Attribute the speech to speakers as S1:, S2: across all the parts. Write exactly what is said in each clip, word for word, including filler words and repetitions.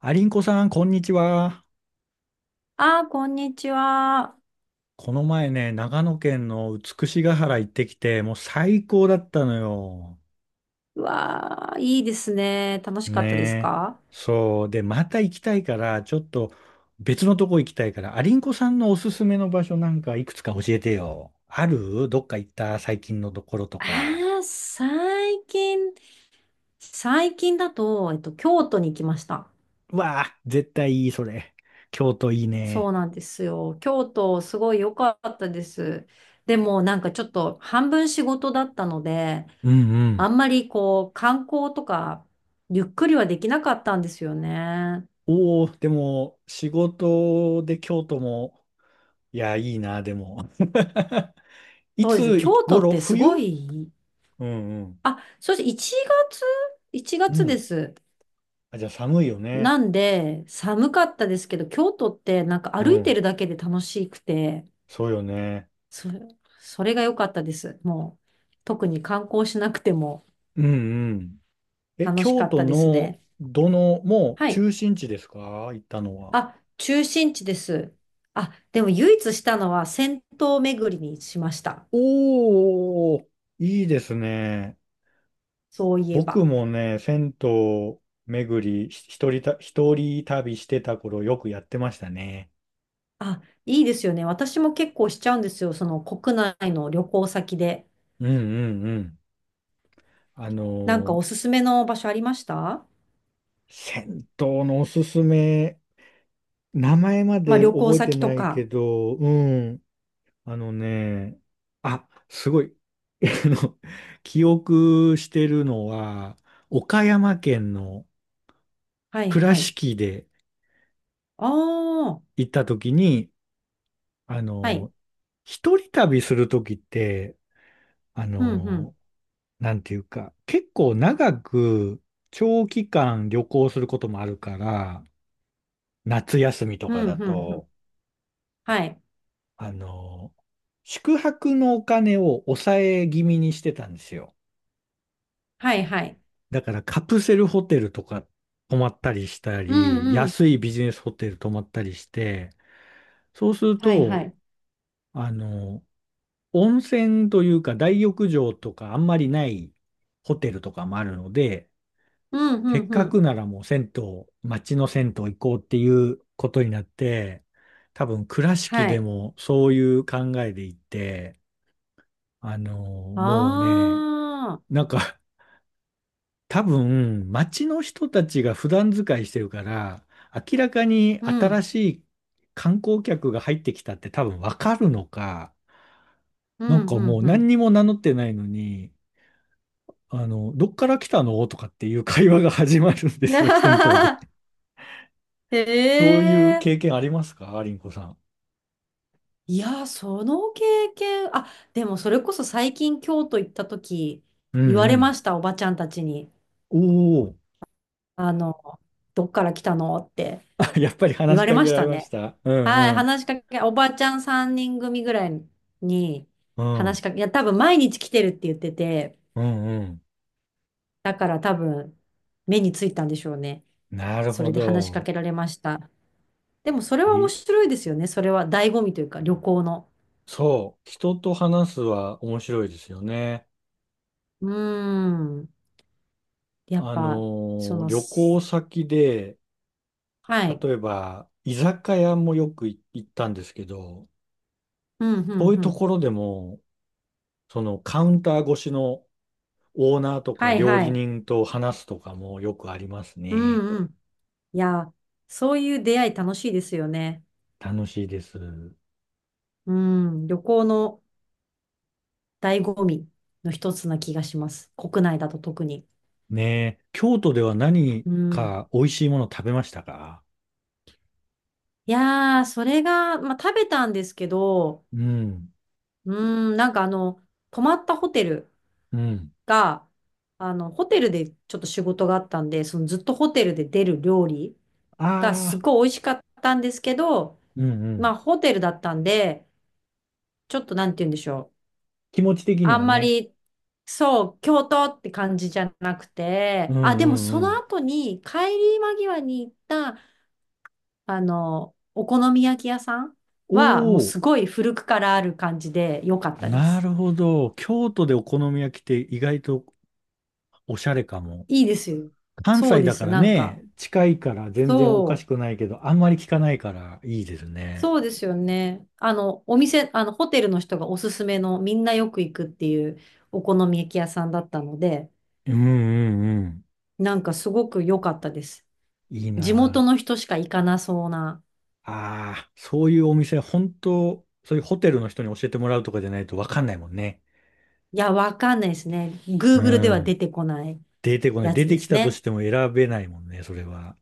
S1: アリンコさん、こんにちは。
S2: ああ、こんにちは。
S1: この前ね、長野県の美しが原行ってきて、もう最高だったのよ。
S2: うわあ、いいですね。楽しかったです
S1: ねえ。
S2: か？
S1: そう。で、また行きたいから、ちょっと別のとこ行きたいから、アリンコさんのおすすめの場所なんかいくつか教えてよ。あるどっか行った最近のところと
S2: あ
S1: か。
S2: あー、最近、最近だと、えっと、京都に行きました。
S1: うわあ、絶対いい、それ。京都いい
S2: そ
S1: ね。
S2: うなんですよ。京都、すごい良かったです。でも、なんかちょっと、半分仕事だったので、
S1: うんう
S2: あ
S1: ん。
S2: んまりこう、観光とか、ゆっくりはできなかったんですよね。
S1: おお、でも、仕事で京都も、いや、いいな、でも。い
S2: そうですね
S1: つ
S2: 京都っ
S1: 頃、
S2: てすご
S1: 冬。
S2: い、
S1: うんうん。
S2: あ、そして1月 ?1
S1: う
S2: 月で
S1: ん。
S2: す。
S1: あ、じゃあ寒いよね。
S2: なんで、寒かったですけど、京都ってなんか
S1: う
S2: 歩いて
S1: ん。
S2: るだけで楽しくて、
S1: そうよね。
S2: そ、それが良かったです。もう、特に観光しなくても
S1: うんうん。え、
S2: 楽しか
S1: 京
S2: っ
S1: 都
S2: たです
S1: の
S2: ね。
S1: どの、もう
S2: はい。
S1: 中心地ですか、行ったのは。
S2: あ、中心地です。あ、でも唯一したのは銭湯巡りにしました。
S1: おー、いいですね。
S2: そういえ
S1: 僕
S2: ば。
S1: もね、銭湯巡り、ひ一人た、一人旅してた頃よくやってましたね。
S2: あ、いいですよね。私も結構しちゃうんですよ。その国内の旅行先で。
S1: うんうんうん。あの
S2: なんか
S1: ー
S2: おすすめの場所ありました？
S1: 銭湯のおすすめ、名前ま
S2: まあ
S1: で
S2: 旅行
S1: 覚えて
S2: 先と
S1: ないけ
S2: か。
S1: ど、うん、あのね、あ、すごい。あの、記憶してるのは、岡山県の
S2: はい
S1: 倉
S2: はい。
S1: 敷で
S2: ああ。
S1: 行った時に、あ
S2: はい。
S1: の、一人旅する時って、あ
S2: うん、う
S1: の、
S2: ん、
S1: なんていうか、結構長く長期間旅行することもあるから、夏休みと
S2: う
S1: か
S2: ん、
S1: だ
S2: うん、うん。
S1: と、
S2: はい、
S1: あの、宿泊のお金を抑え気味にしてたんですよ。
S2: はい、はい。
S1: だからカプセルホテルとか泊まったりした
S2: う
S1: り、
S2: ん、うん。
S1: 安いビジネスホテル泊まったりして、そうする
S2: はい、は
S1: と、
S2: い。
S1: あの、温泉というか大浴場とかあんまりないホテルとかもあるので、
S2: うん、
S1: せ
S2: うん、
S1: っ
S2: う
S1: か
S2: ん。
S1: くならもう銭湯、街の銭湯行こうっていうことになって、多分倉敷
S2: は
S1: で
S2: い。
S1: もそういう考えで行って、あの、もうね、
S2: ああ、
S1: なんか多分、街の人たちが普段使いしてるから、明らかに
S2: う
S1: 新
S2: ん、
S1: しい観光客が入ってきたって多分わかるのか、
S2: う
S1: な
S2: ん、
S1: んか
S2: う
S1: も
S2: ん、
S1: う
S2: う
S1: 何
S2: ん。
S1: にも名乗ってないのに、あの、どっから来たのとかっていう会話が始まるんですよ、銭湯で。
S2: へ
S1: そういう経
S2: え。
S1: 験ありますか、アリンコさん。
S2: いや、その経験、あ、でもそれこそ最近京都行った時、
S1: う
S2: 言われま
S1: ん
S2: した、おばちゃんたちに。
S1: うん。おお、
S2: あの、どっから来たのって
S1: あ、やっぱり
S2: 言
S1: 話し
S2: われ
S1: か
S2: ま
S1: け
S2: し
S1: られ
S2: た
S1: まし
S2: ね。
S1: た。うん
S2: はい、
S1: うん。
S2: 話しかけ、おばちゃんさんにん組ぐらいに
S1: う
S2: 話
S1: ん。
S2: しかけ、いや、多分毎日来てるって言ってて、
S1: うんうん。
S2: だから多分目についたんでしょうね。
S1: なる
S2: そ
S1: ほ
S2: れで話しか
S1: ど。
S2: けられました。でもそれは面
S1: え、
S2: 白いですよね。それは醍醐味というか旅行の。
S1: そう、人と話すは面白いですよね。
S2: うーん。やっ
S1: あの
S2: ぱ、そ
S1: ー
S2: の、
S1: 旅行
S2: す
S1: 先で、
S2: はい。
S1: 例えば居酒屋もよくい行ったんですけど、
S2: うん、う
S1: そう
S2: ん、
S1: いう
S2: う
S1: と
S2: ん。
S1: ころでも、そのカウンター越しのオーナーとか
S2: はい、
S1: 料
S2: は
S1: 理
S2: い。
S1: 人と話すとかもよくあります
S2: う
S1: ね。
S2: ん、うん。いや、そういう出会い楽しいですよね。
S1: 楽しいです。
S2: うん。旅行の醍醐味の一つな気がします。国内だと特に。
S1: ねえ、京都では何
S2: うん。
S1: か美味しいもの食べましたか。
S2: いやー、それが、まあ、食べたんですけど、
S1: うん、
S2: うーん、なんかあの、泊まったホテル
S1: うん。
S2: が、あの、ホテルでちょっと仕事があったんで、そのずっとホテルで出る料理がす
S1: ああ、
S2: ごい美味しかったんですけど、
S1: うんう
S2: まあ、
S1: ん。
S2: ホテルだったんで、ちょっとなんて言うんでしょ
S1: 気持ち
S2: う。
S1: 的に
S2: あ
S1: は
S2: んま
S1: ね。
S2: り、そう、京都って感じじゃなく
S1: うん
S2: て、
S1: う
S2: あ、でもそ
S1: んう
S2: の
S1: ん。
S2: 後に帰り間際に行ったあの、お好み焼き屋さんはもう
S1: お、
S2: すごい古くからある感じで良かったで
S1: な
S2: す。
S1: るほど。京都でお好み焼きって意外とおしゃれかも。
S2: いいですよ。
S1: 関
S2: そう
S1: 西
S2: で
S1: だか
S2: す。
S1: ら
S2: なん
S1: ね、
S2: か、
S1: 近いから全然おかし
S2: そう、
S1: くないけど、あんまり聞かないからいいですね。
S2: そうですよね。あの、お店、あの、ホテルの人がおすすめのみんなよく行くっていうお好み焼き屋さんだったので、
S1: うんうんうん。
S2: なんかすごく良かったです。
S1: いい
S2: 地元
S1: な
S2: の人しか行かなそうな。
S1: あ。ああ、そういうお店、本当、そういうホテルの人に教えてもらうとかじゃないとわかんないもんね。
S2: いや、わかんないですね。
S1: う
S2: Google では出
S1: ん。
S2: てこない
S1: 出てこない。
S2: や
S1: 出
S2: つ
S1: て
S2: で
S1: き
S2: す
S1: たとし
S2: ね。
S1: ても選べないもんね、それは。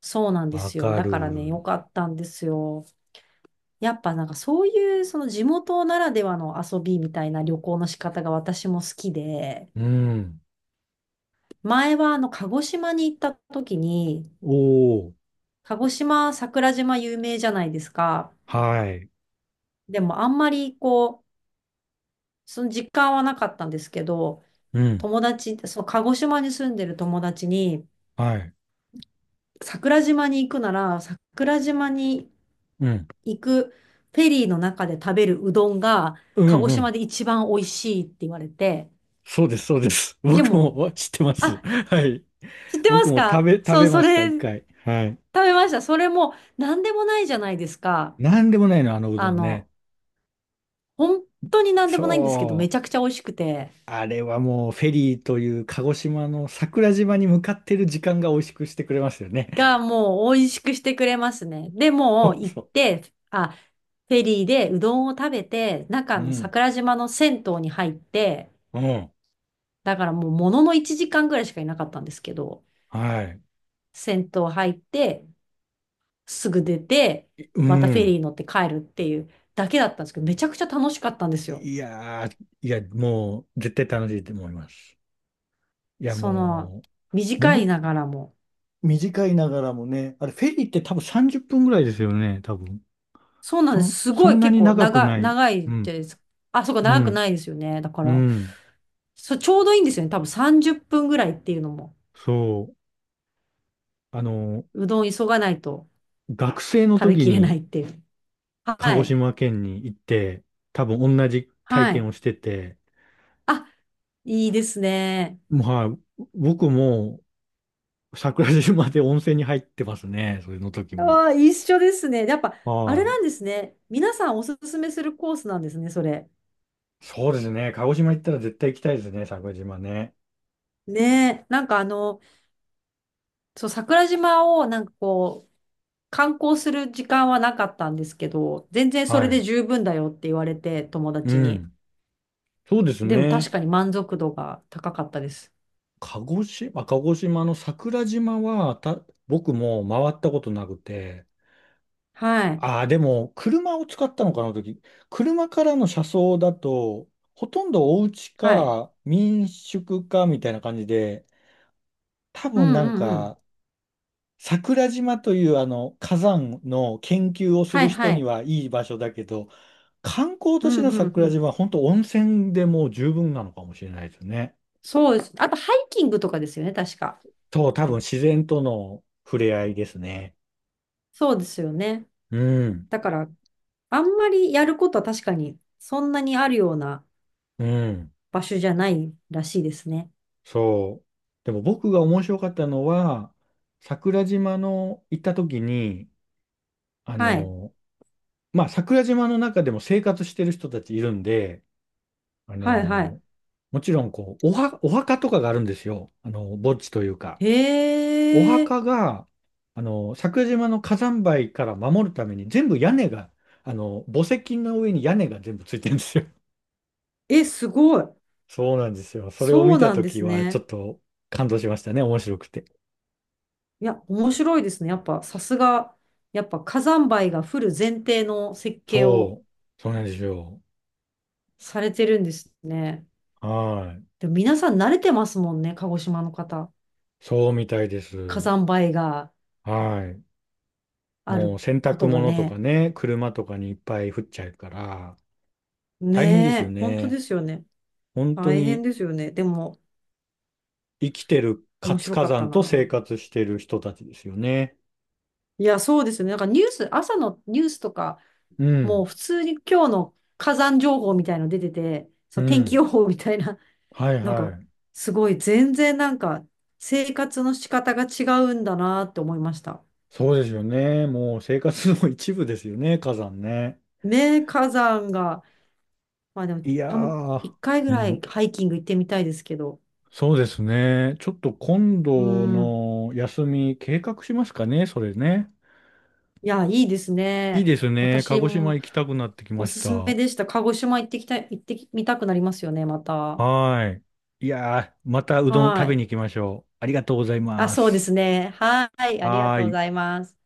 S2: そうなんで
S1: わ
S2: すよ。
S1: か
S2: だからね、良
S1: る。
S2: かったんですよ。やっぱなんかそういうその地元ならではの遊びみたいな旅行の仕方が私も好きで、
S1: うん。
S2: 前はあの鹿児島に行った時に、
S1: おー。
S2: 鹿児島桜島有名じゃないですか。
S1: はい。
S2: でもあんまりこう、その実感はなかったんですけど、
S1: うん。
S2: 友達、その鹿児島に住んでる友達に、
S1: はい。
S2: 桜島に行くなら桜島に
S1: うん。
S2: 行くフェリーの中で食べるうどんが
S1: う
S2: 鹿
S1: ん
S2: 児
S1: う
S2: 島
S1: ん。
S2: で一番美味しいって言われて、
S1: そうです、そうです。
S2: で
S1: 僕
S2: も、
S1: も知ってます。
S2: あ、
S1: はい。
S2: 知ってま
S1: 僕
S2: す
S1: も食
S2: か？
S1: べ、食
S2: そ
S1: べ
S2: う、そ
S1: ました、
S2: れ
S1: 一
S2: 食
S1: 回。はい。
S2: べました。それも何でもないじゃないですか。
S1: なんでもないの、あのう
S2: あ
S1: どんね。
S2: の、本当に何でもないんですけど、
S1: そ
S2: めち
S1: う。
S2: ゃくちゃ美味しくて、
S1: あれはもうフェリーという鹿児島の桜島に向かってる時間が美味しくしてくれましたよね。
S2: がもう美味しくしてくれますね。で、もう
S1: そう
S2: 行っ
S1: そ
S2: て、あ、フェリーでうどんを食べて、
S1: う。
S2: 中
S1: う
S2: の
S1: ん。
S2: 桜島の銭湯に入って、
S1: うん。
S2: だからもうもののいちじかんぐらいしかいなかったんですけど、
S1: はい。
S2: 銭湯入って、すぐ出て、
S1: いう
S2: またフェリ
S1: ん。
S2: ー乗って帰るっていうだけだったんですけど、めちゃくちゃ楽しかったんですよ。
S1: いやー、いや、もう絶対楽しいと思います。いや、
S2: その、
S1: もう、
S2: 短い
S1: も
S2: ながらも。
S1: う短いながらもね、あれフェリーって多分さんじゅっぷんぐらいですよね、多分。
S2: そうなんです。
S1: そ、
S2: す
S1: そ
S2: ごい
S1: んな
S2: 結
S1: に
S2: 構
S1: 長く
S2: 長、
S1: ない。
S2: 長
S1: う
S2: い
S1: ん、
S2: です。あ、そうか、
S1: う
S2: 長く
S1: ん、
S2: ないですよね。だか
S1: う
S2: ら、
S1: ん。
S2: そう、ちょうどいいんですよね。多分さんじゅっぷんぐらいっていうのも。
S1: そう。あの、
S2: うどん急がないと
S1: 学生の
S2: 食べ
S1: 時
S2: きれな
S1: に
S2: いっていう。
S1: 鹿
S2: は
S1: 児
S2: い。
S1: 島県に行って、多分同じ体
S2: は
S1: 験
S2: い。
S1: をしてて、
S2: あ、いいですね。
S1: まあ、はい、僕も桜島で温泉に入ってますね。それの時も。
S2: ああ、一緒ですね。やっぱ、あれ
S1: は
S2: なんですね。皆さんおすすめするコースなんですね、それ。
S1: い。そうですね。鹿児島行ったら絶対行きたいですね。桜島ね。
S2: ねえ。なんかあの、そう、桜島をなんかこ観光する時間はなかったんですけど、全然そ
S1: は
S2: れで
S1: い。
S2: 十分だよって言われて、友
S1: う
S2: 達に。
S1: ん。そうです
S2: でも確
S1: ね。
S2: かに満足度が高かったです。
S1: 鹿児島、鹿児島の桜島はた、僕も回ったことなくて、
S2: はい。
S1: ああ、でも、車を使ったのかな、あの時。車からの車窓だと、ほとんどお家
S2: はい。
S1: か民宿かみたいな感じで、多
S2: う
S1: 分
S2: ん
S1: な
S2: う
S1: ん
S2: んうん。
S1: か、桜島というあの火山の研究をす
S2: は
S1: る
S2: い
S1: 人
S2: は
S1: に
S2: い。
S1: はいい場所だけど、観光
S2: う
S1: 都
S2: ん
S1: 市の
S2: うんう
S1: 桜
S2: ん。
S1: 島は本当温泉でもう十分なのかもしれないですね。
S2: そうです。あと、ハイキングとかですよね、確か。
S1: そう、多分自然との触れ合いですね。
S2: そうですよね。
S1: うん、
S2: だから、あんまりやることは確かに、そんなにあるような
S1: うん。
S2: 場所じゃないらしいですね。
S1: そう。でも僕が面白かったのは、桜島の行った時に、あ
S2: はい。
S1: の、まあ、桜島の中でも生活してる人たちいるんで、あ
S2: はいはい。
S1: の、もちろん、こう、おは、お墓とかがあるんですよ。あの、墓地というか。お
S2: へえ。
S1: 墓が、あの、桜島の火山灰から守るために全部屋根が、あの、墓石の上に屋根が全部ついてるんですよ。
S2: え、すごい。
S1: そうなんですよ。それを
S2: そ
S1: 見
S2: う
S1: た
S2: なんで
S1: 時
S2: す
S1: は、ちょ
S2: ね。
S1: っと感動しましたね。面白くて。
S2: いや、面白いですね。やっぱ、さすが、やっぱ火山灰が降る前提の設計を
S1: そう。そうなんですよ。
S2: されてるんですね。
S1: はい。
S2: でも皆さん慣れてますもんね、鹿児島の方。
S1: そうみたいで
S2: 火
S1: す。
S2: 山灰が
S1: はい。
S2: あ
S1: もう
S2: る
S1: 洗
S2: こ
S1: 濯
S2: とが
S1: 物とか
S2: ね。
S1: ね、車とかにいっぱい降っちゃうから、
S2: ね
S1: 大変ですよ
S2: え、本当で
S1: ね。
S2: すよね。
S1: 本当
S2: 大変
S1: に
S2: ですよね。でも、
S1: 生きてる
S2: 面
S1: 活
S2: 白
S1: 火
S2: かった
S1: 山と生
S2: な。
S1: 活してる人たちですよね。
S2: いや、そうですよね。なんかニュース、朝のニュースとか、
S1: う
S2: もう
S1: ん。
S2: 普通に今日の火山情報みたいの出てて、
S1: う
S2: そう、天気
S1: ん。
S2: 予報みたいな
S1: はい
S2: なん
S1: は
S2: か、
S1: い。
S2: すごい、全然なんか、生活の仕方が違うんだなって思いました。
S1: そうですよね。もう生活の一部ですよね、火山ね。
S2: ね、火山が、まあでも、
S1: いや
S2: たん
S1: ー、
S2: 一回ぐ
S1: う
S2: らい
S1: ん。
S2: ハイキング行ってみたいですけど。
S1: そうですね。ちょっと今
S2: う
S1: 度
S2: ん。
S1: の休み計画しますかね、それね。
S2: いや、いいです
S1: いい
S2: ね。
S1: ですね。鹿
S2: 私
S1: 児島
S2: も
S1: 行きたくなってき
S2: お
S1: まし
S2: す
S1: た。
S2: す
S1: は
S2: めでした。鹿児島行ってきたい、行ってみたくなりますよね、また。
S1: ーい。いやー、またうどん
S2: は
S1: 食べ
S2: い。
S1: に行きましょう。ありがとうござい
S2: あ、
S1: ま
S2: そうで
S1: す。
S2: すね。はい。ありが
S1: は
S2: と
S1: ー
S2: うご
S1: い。
S2: ざいます。